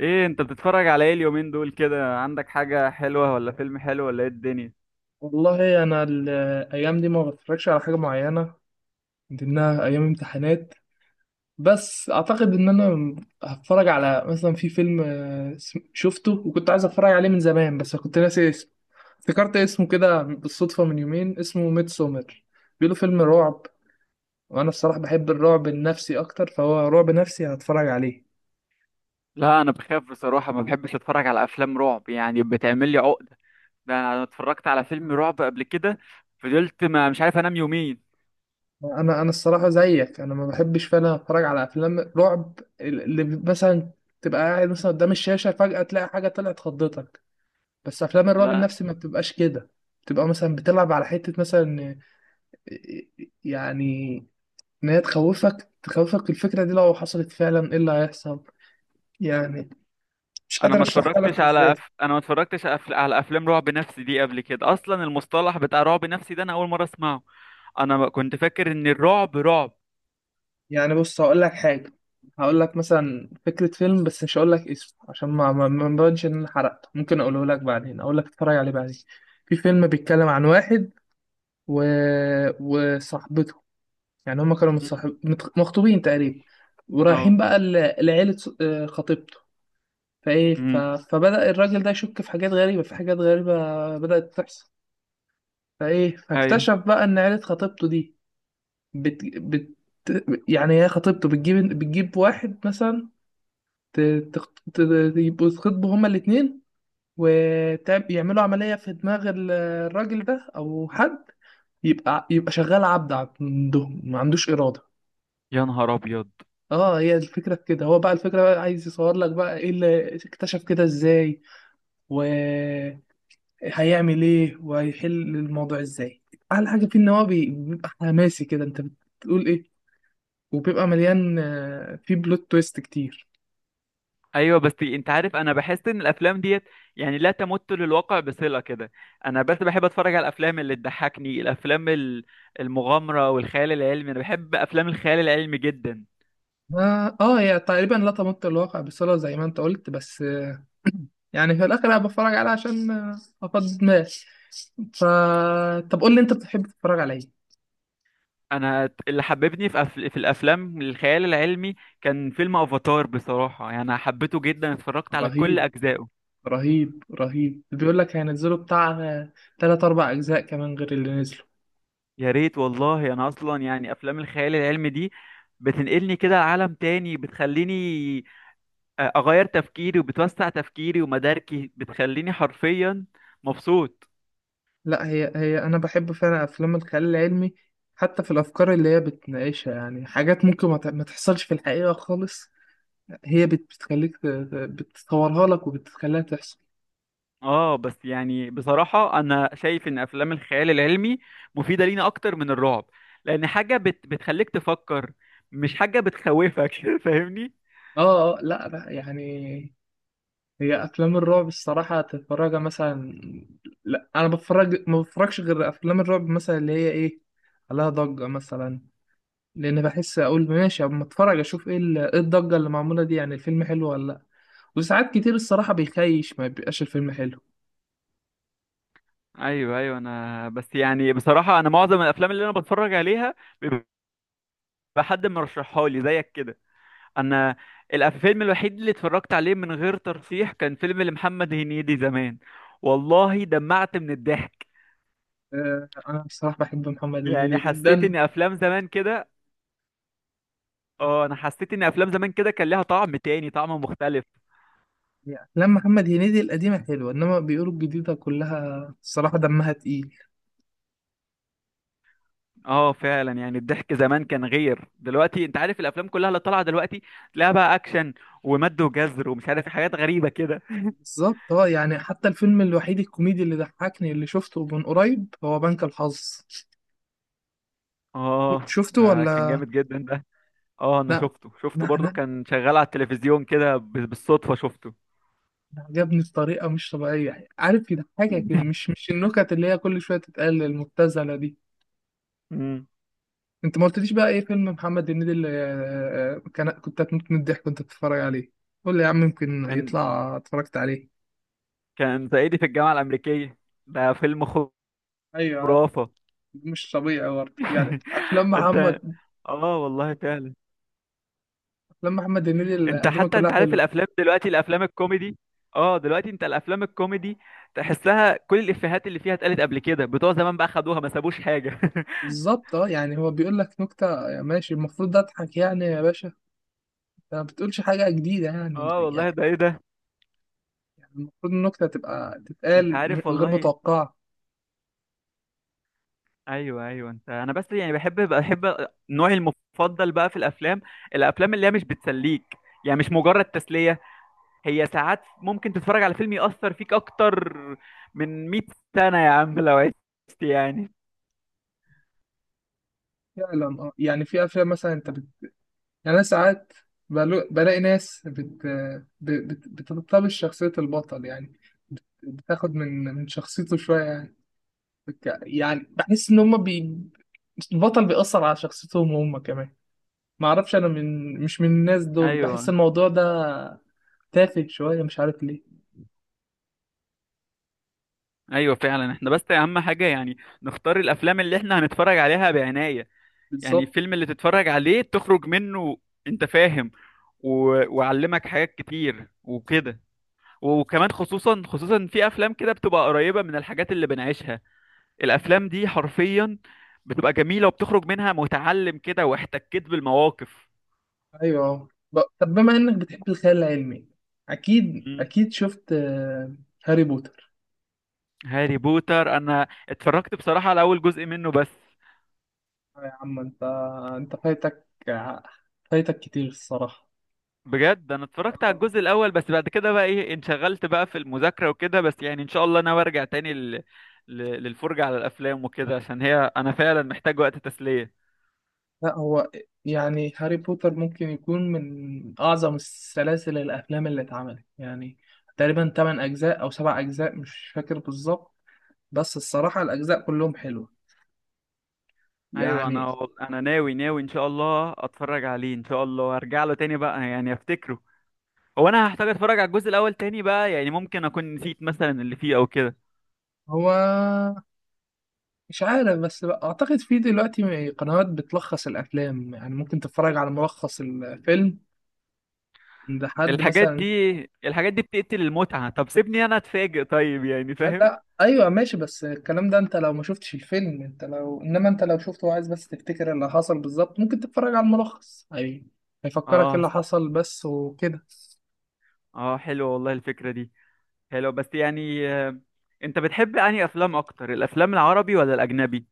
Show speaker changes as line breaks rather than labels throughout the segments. ايه انت بتتفرج على ايه اليومين دول كده، عندك حاجة حلوة ولا فيلم حلو ولا ايه الدنيا؟
والله انا الايام دي ما بتفرجش على حاجه معينه، من ضمنها ايام امتحانات. بس اعتقد ان انا هتفرج على مثلا في فيلم، شفته وكنت عايز اتفرج عليه من زمان بس كنت ناسي اسمه. افتكرت اسمه كده بالصدفه من يومين، اسمه ميد سومر. بيقولوا فيلم رعب، وانا الصراحه بحب الرعب النفسي اكتر، فهو رعب نفسي هتفرج عليه.
لا، انا بخاف بصراحه، ما بحبش اتفرج على افلام رعب، يعني بتعمل لي عقده. ده انا اتفرجت على فيلم رعب قبل كده، فضلت ما مش عارف انام يومين.
انا الصراحه زيك، انا ما بحبش فعلا اتفرج على افلام رعب، اللي مثلا تبقى قاعد مثلا قدام الشاشه فجاه تلاقي حاجه طلعت خضتك. بس افلام الرعب
لا،
النفسي ما بتبقاش كده، بتبقى مثلا بتلعب على حته مثلا، يعني ان هي تخوفك الفكره دي، لو حصلت فعلا ايه اللي هيحصل. يعني مش قادر اشرحها لك ازاي.
انا ما اتفرجتش أف... على افلام رعب نفسي دي قبل كده، اصلا المصطلح بتاع رعب نفسي ده انا اول مره اسمعه. انا ما كنت فاكر ان الرعب رعب.
يعني بص، هقول لك حاجة. هقول لك مثلا فكرة فيلم، بس مش هقول لك اسمه، عشان ما مبانش ان انا حرقته. ممكن اقوله لك بعدين، اقول لك اتفرج عليه بعدين. في فيلم بيتكلم عن واحد و... وصاحبته. يعني هما كانوا
مم.
مخطوبين تقريبا،
اه.
ورايحين بقى لعيلة ص- آه، خطيبته. فايه ف...
امم
فبدأ الراجل ده يشك في حاجات غريبة، في حاجات غريبة بدأت تحصل. فايه
ايوه،
فاكتشف بقى ان عيلة خطيبته دي بت... بت... يعني هي خطيبته بتجيب واحد مثلا، ت- يبقوا يتخطبوا هما الاتنين، ويعملوا عملية في دماغ الراجل ده أو حد، يبقى شغال عبد عندهم، ما عندوش إرادة.
يا نهار ابيض!
اه، هي الفكرة في كده. هو بقى الفكرة بقى عايز يصور لك بقى ايه اللي اكتشف كده ازاي، وهيعمل ايه، وهيحل الموضوع ازاي. أحلى حاجة فيه إن هو بيبقى حماسي كده، أنت بتقول ايه، وبيبقى مليان، فيه بلوت تويست كتير.
ايوه، بس انت عارف انا بحس ان الافلام ديت يعني لا تمت للواقع بصله كده. انا بس بحب اتفرج على الافلام اللي تضحكني، المغامره والخيال العلمي، انا بحب افلام الخيال العلمي جدا.
اه، هي تقريبا لا تمت الواقع بصلة زي ما انت قلت، بس يعني في الاخر انا بتفرج عليها عشان افضي دماغي. ف طب قول لي انت بتحب تتفرج على ايه؟
انا اللي حببني في في الافلام الخيال العلمي كان فيلم افاتار، بصراحه يعني انا حبيته جدا، اتفرجت على كل
رهيب.
اجزائه.
رهيب، رهيب. بيقول لك هينزلوا بتاع تلات اربع اجزاء كمان غير اللي نزلوا.
يا ريت والله، انا اصلا يعني افلام الخيال العلمي دي بتنقلني كده لعالم تاني، بتخليني اغير تفكيري، وبتوسع تفكيري ومداركي، بتخليني حرفيا مبسوط.
لا، هي انا بحب فعلا افلام الخيال العلمي، حتى في الافكار اللي هي بتناقشها. يعني حاجات ممكن ما تحصلش في الحقيقة خالص، هي بتخليك بتصورها لك وبتخليها تحصل.
اه، بس يعني بصراحة انا شايف ان افلام الخيال العلمي مفيدة لينا اكتر من الرعب، لان حاجة بتخليك تفكر، مش حاجة بتخوفك. فاهمني؟
اه، اه، لا، لا، يعني هي افلام الرعب الصراحه تتفرجها مثلا، لا انا بتفرج، ما بتفرجش غير افلام الرعب مثلا اللي هي ايه، عليها ضجه مثلا. لان بحس اقول ماشي، اما اتفرج اشوف ايه إيه الضجه اللي معموله دي، يعني الفيلم حلو ولا لا. وساعات كتير الصراحه بيخيش، ما بيبقاش الفيلم حلو.
ايوه، ايوه، انا بس يعني بصراحة انا معظم الافلام اللي انا بتفرج عليها بيبقى حد مرشحها لي زيك كده. انا الفيلم الوحيد اللي اتفرجت عليه من غير ترشيح كان فيلم لمحمد هنيدي زمان، والله دمعت من الضحك.
انا الصراحه بحب محمد
يعني
هنيدي
حسيت
جدا.
ان افلام زمان كده. اه، انا حسيت ان افلام زمان كده كان لها طعم تاني، طعم مختلف.
يعني افلام محمد هنيدي القديمه حلوه، انما بيقولوا الجديده كلها الصراحه دمها تقيل.
اه، فعلا يعني الضحك زمان كان غير دلوقتي، انت عارف الافلام كلها اللي طالعه دلوقتي تلاقيها بقى اكشن ومد وجزر ومش عارف إيه، حاجات غريبه كده.
بالظبط اه. يعني حتى الفيلم الوحيد الكوميدي اللي ضحكني اللي شفته من قريب هو بنك الحظ.
اه،
شفته
ده
ولا
كان جامد جدا ده. اه، انا
لا؟
شفته شفته
انا
برضو،
انا
كان شغال على التلفزيون كده بالصدفه شفته.
أنا عجبني بطريقه مش طبيعيه، يعني عارف يضحكك، مش مش النكت اللي هي كل شويه تتقال المبتذله دي.
مم.
انت ما قلتليش بقى ايه فيلم محمد هنيدي اللي كان كنت هتموت من الضحك وانت بتتفرج عليه. قول لي يا عم، يمكن
كان
يطلع اتفرجت عليه.
كان صعيدي في الجامعه الامريكيه، ده فيلم
ايوه،
خرافه.
مش طبيعي برضه، يعني
انت، اه والله فعلا.
افلام محمد هنيدي
انت
القديمه
حتى
كلها
انت عارف
حلوه.
الافلام دلوقتي، الافلام الكوميدي، اه، دلوقتي انت الافلام الكوميدي تحسها كل الافيهات اللي فيها اتقالت قبل كده، بتوع زمان بقى خدوها، ما سابوش حاجه.
بالظبط اه. يعني هو بيقول لك نكتة، ماشي، المفروض اضحك يعني يا باشا. انت ما بتقولش حاجة جديدة، يعني
اه والله،
يعني
ده ايه ده،
المفروض النكتة تبقى
انت
تتقال
عارف
غير
والله.
متوقعة.
ايوه، ايوه، انت، انا بس يعني بحب نوعي المفضل بقى في الافلام، الافلام اللي هي مش بتسليك، يعني مش مجرد تسليه. هي ساعات ممكن تتفرج على فيلم يأثر فيك اكتر من 100 سنه يا عم لو عشت، يعني.
فعلا اه. يعني في افلام مثلا انت يعني انا ساعات بلاقي ناس بتلتبس شخصية البطل، يعني بتاخد من شخصيته شوية، يعني يعني بحس ان هما البطل بيأثر على شخصيتهم هم كمان. معرفش انا، مش من الناس دول، بحس
ايوه،
الموضوع ده تافه شويه مش عارف ليه.
ايوه، فعلا، احنا بس اهم حاجه يعني نختار الافلام اللي احنا هنتفرج عليها بعنايه. يعني
بالظبط.
الفيلم اللي تتفرج عليه تخرج منه، انت فاهم، و... وعلمك حاجات كتير وكده، وكمان خصوصا خصوصا في افلام كده بتبقى قريبه من الحاجات اللي بنعيشها، الافلام دي حرفيا بتبقى جميله، وبتخرج منها متعلم كده، واحتكيت بالمواقف.
ايوه طب بما انك بتحب الخيال العلمي، اكيد
مم.
اكيد شفت هاري بوتر؟
هاري بوتر، انا اتفرجت بصراحه على اول جزء منه بس.
آه يا عم انت، انت فايتك، فايتك كتير الصراحه.
بجد، انا اتفرجت على
آه.
الجزء الاول بس، بعد كده بقى ايه انشغلت بقى في المذاكره وكده، بس يعني ان شاء الله انا برجع تاني ل... للفرجه على الافلام وكده، عشان هي انا فعلا محتاج وقت تسليه.
لا هو يعني هاري بوتر ممكن يكون من اعظم السلاسل الافلام اللي اتعملت، يعني تقريبا 8 اجزاء او 7 اجزاء، مش فاكر بالظبط. بس الصراحه الاجزاء كلهم حلوه،
ايوه،
يعني
انا ناوي ناوي ان شاء الله اتفرج عليه، ان شاء الله ارجع له تاني بقى، يعني افتكره. هو انا هحتاج اتفرج على الجزء الاول تاني بقى، يعني ممكن اكون نسيت مثلا اللي فيه او كده.
هو. مش عارف، بس بقى اعتقد في دلوقتي قنوات بتلخص الافلام، يعني ممكن تتفرج على ملخص الفيلم عند حد
الحاجات دي
مثلا.
الحاجات دي بتقتل المتعه، طب سيبني انا اتفاجئ طيب، يعني فاهم.
لا ايوه ماشي، بس الكلام ده، انت لو ما شفتش الفيلم، انت لو شفته وعايز بس تفتكر اللي حصل بالظبط، ممكن تتفرج على الملخص، اي هيفكرك إيه
اه،
اللي حصل بس وكده.
اه، حلوه والله الفكره دي، حلو بس يعني، انت بتحب انهي افلام اكتر، الافلام العربي ولا الاجنبي؟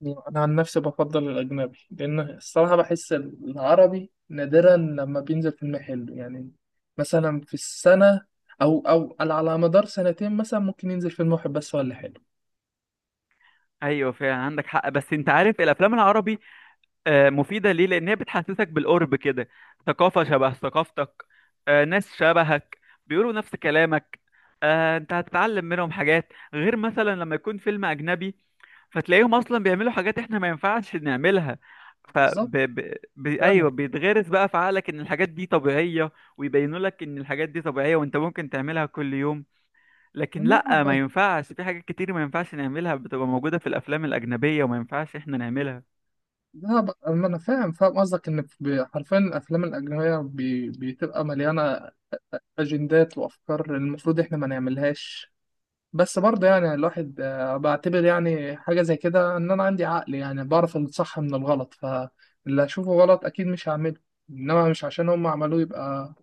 يعني انا عن نفسي بفضل الاجنبي، لان الصراحه بحس العربي نادرا لما بينزل فيلم حلو. يعني مثلا في السنه، او على مدار سنتين مثلا ممكن ينزل فيلم واحد بس ولا حلو.
ايوه، فعلا عندك حق، بس انت عارف الافلام العربي مفيده ليه، لان هي بتحسسك بالقرب كده، ثقافه شبه ثقافتك، ناس شبهك بيقولوا نفس كلامك، انت هتتعلم منهم حاجات غير مثلا لما يكون فيلم اجنبي، فتلاقيهم اصلا بيعملوا حاجات احنا ما ينفعش نعملها، ف
بالظبط
ب... ب... ب...
فعلا.
ايوه، بيتغرس بقى في عقلك ان الحاجات دي طبيعيه، ويبينوا لك ان الحاجات دي طبيعيه وانت ممكن تعملها كل يوم، لكن
لا
لا، ما
ب-
ينفعش، في حاجات كتير ما ينفعش نعملها، بتبقى موجوده في الافلام الاجنبيه وما ينفعش احنا نعملها.
لا ب- أما انا فاهم، قصدك ان حرفيا الافلام الاجنبيه بتبقى مليانه اجندات وافكار المفروض احنا ما نعملهاش. بس برضه يعني الواحد، بعتبر يعني حاجة زي كده، إن أنا عندي عقل، يعني بعرف الصح من الغلط، فاللي هشوفه غلط أكيد مش هعمله. إنما مش عشان هم عملوه يبقى،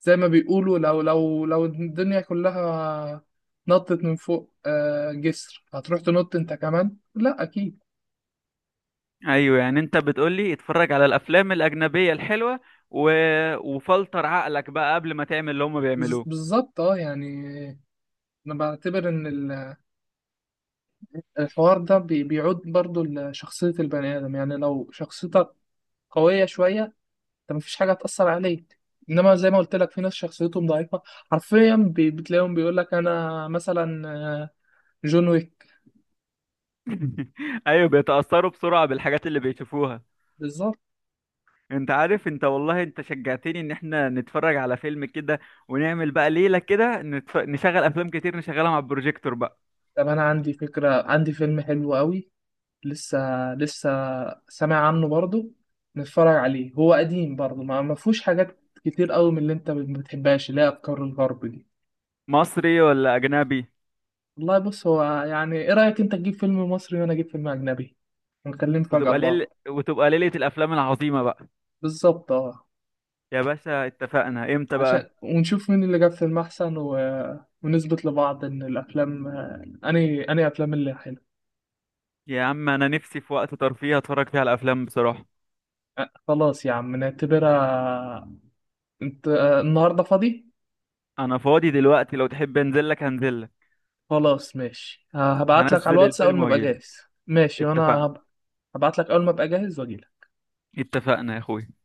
زي ما بيقولوا، لو الدنيا كلها نطت من فوق جسر، هتروح تنط أنت كمان؟ لأ أكيد.
ايوه، يعني انت بتقولي اتفرج على الافلام الاجنبيه الحلوه، و... وفلتر عقلك بقى قبل ما تعمل اللي هم بيعملوه.
بالظبط أه. يعني أنا بعتبر إن الحوار ده بيعود برضه لشخصية البني آدم، يعني لو شخصيتك قوية شوية، انت مفيش حاجه هتأثر عليك. انما زي ما قلت لك، في ناس شخصيتهم ضعيفه، حرفيا بتلاقيهم بيقول لك انا مثلا، جون ويك.
ايوه، بيتاثروا بسرعه بالحاجات اللي بيشوفوها.
بالظبط.
انت عارف، انت والله، انت شجعتني ان احنا نتفرج على فيلم كده، ونعمل بقى ليلة كده، نشغل افلام كتير، نشغلها مع البروجيكتور بقى.
طب انا عندي فكره، عندي فيلم حلو قوي، لسه لسه سامع عنه برضو، نتفرج عليه. هو قديم برضو، ما فيهوش حاجات كتير قوي من اللي انت ما بتحبهاش، اللي هي افكار الغرب دي.
مصري ولا اجنبي؟
والله بص، هو يعني ايه رايك انت تجيب فيلم مصري وانا اجيب فيلم اجنبي، ونكلم فجأة لبعض.
وتبقى ليلة الافلام العظيمة بقى.
بالظبط اه،
يا باشا اتفقنا امتى
عشان
بقى؟
ونشوف مين اللي جاب فيلم أحسن ونثبت لبعض إن الأفلام أني أفلام اللي حلوة.
يا عم انا نفسي في وقت ترفيه اتفرج فيه على افلام، بصراحة.
أه، خلاص يا عم، نعتبرها. أنت النهاردة فاضي؟
انا فاضي دلوقتي، لو تحب انزل لك، هنزل لك.
خلاص ماشي، هبعت لك على
هنزل
الواتس أول
الفيلم
ما أبقى
واجيلك.
جاهز. ماشي. وأنا
اتفقنا.
هبعت لك أول ما أبقى جاهز وأجيلك.
اتفقنا يا اخوي.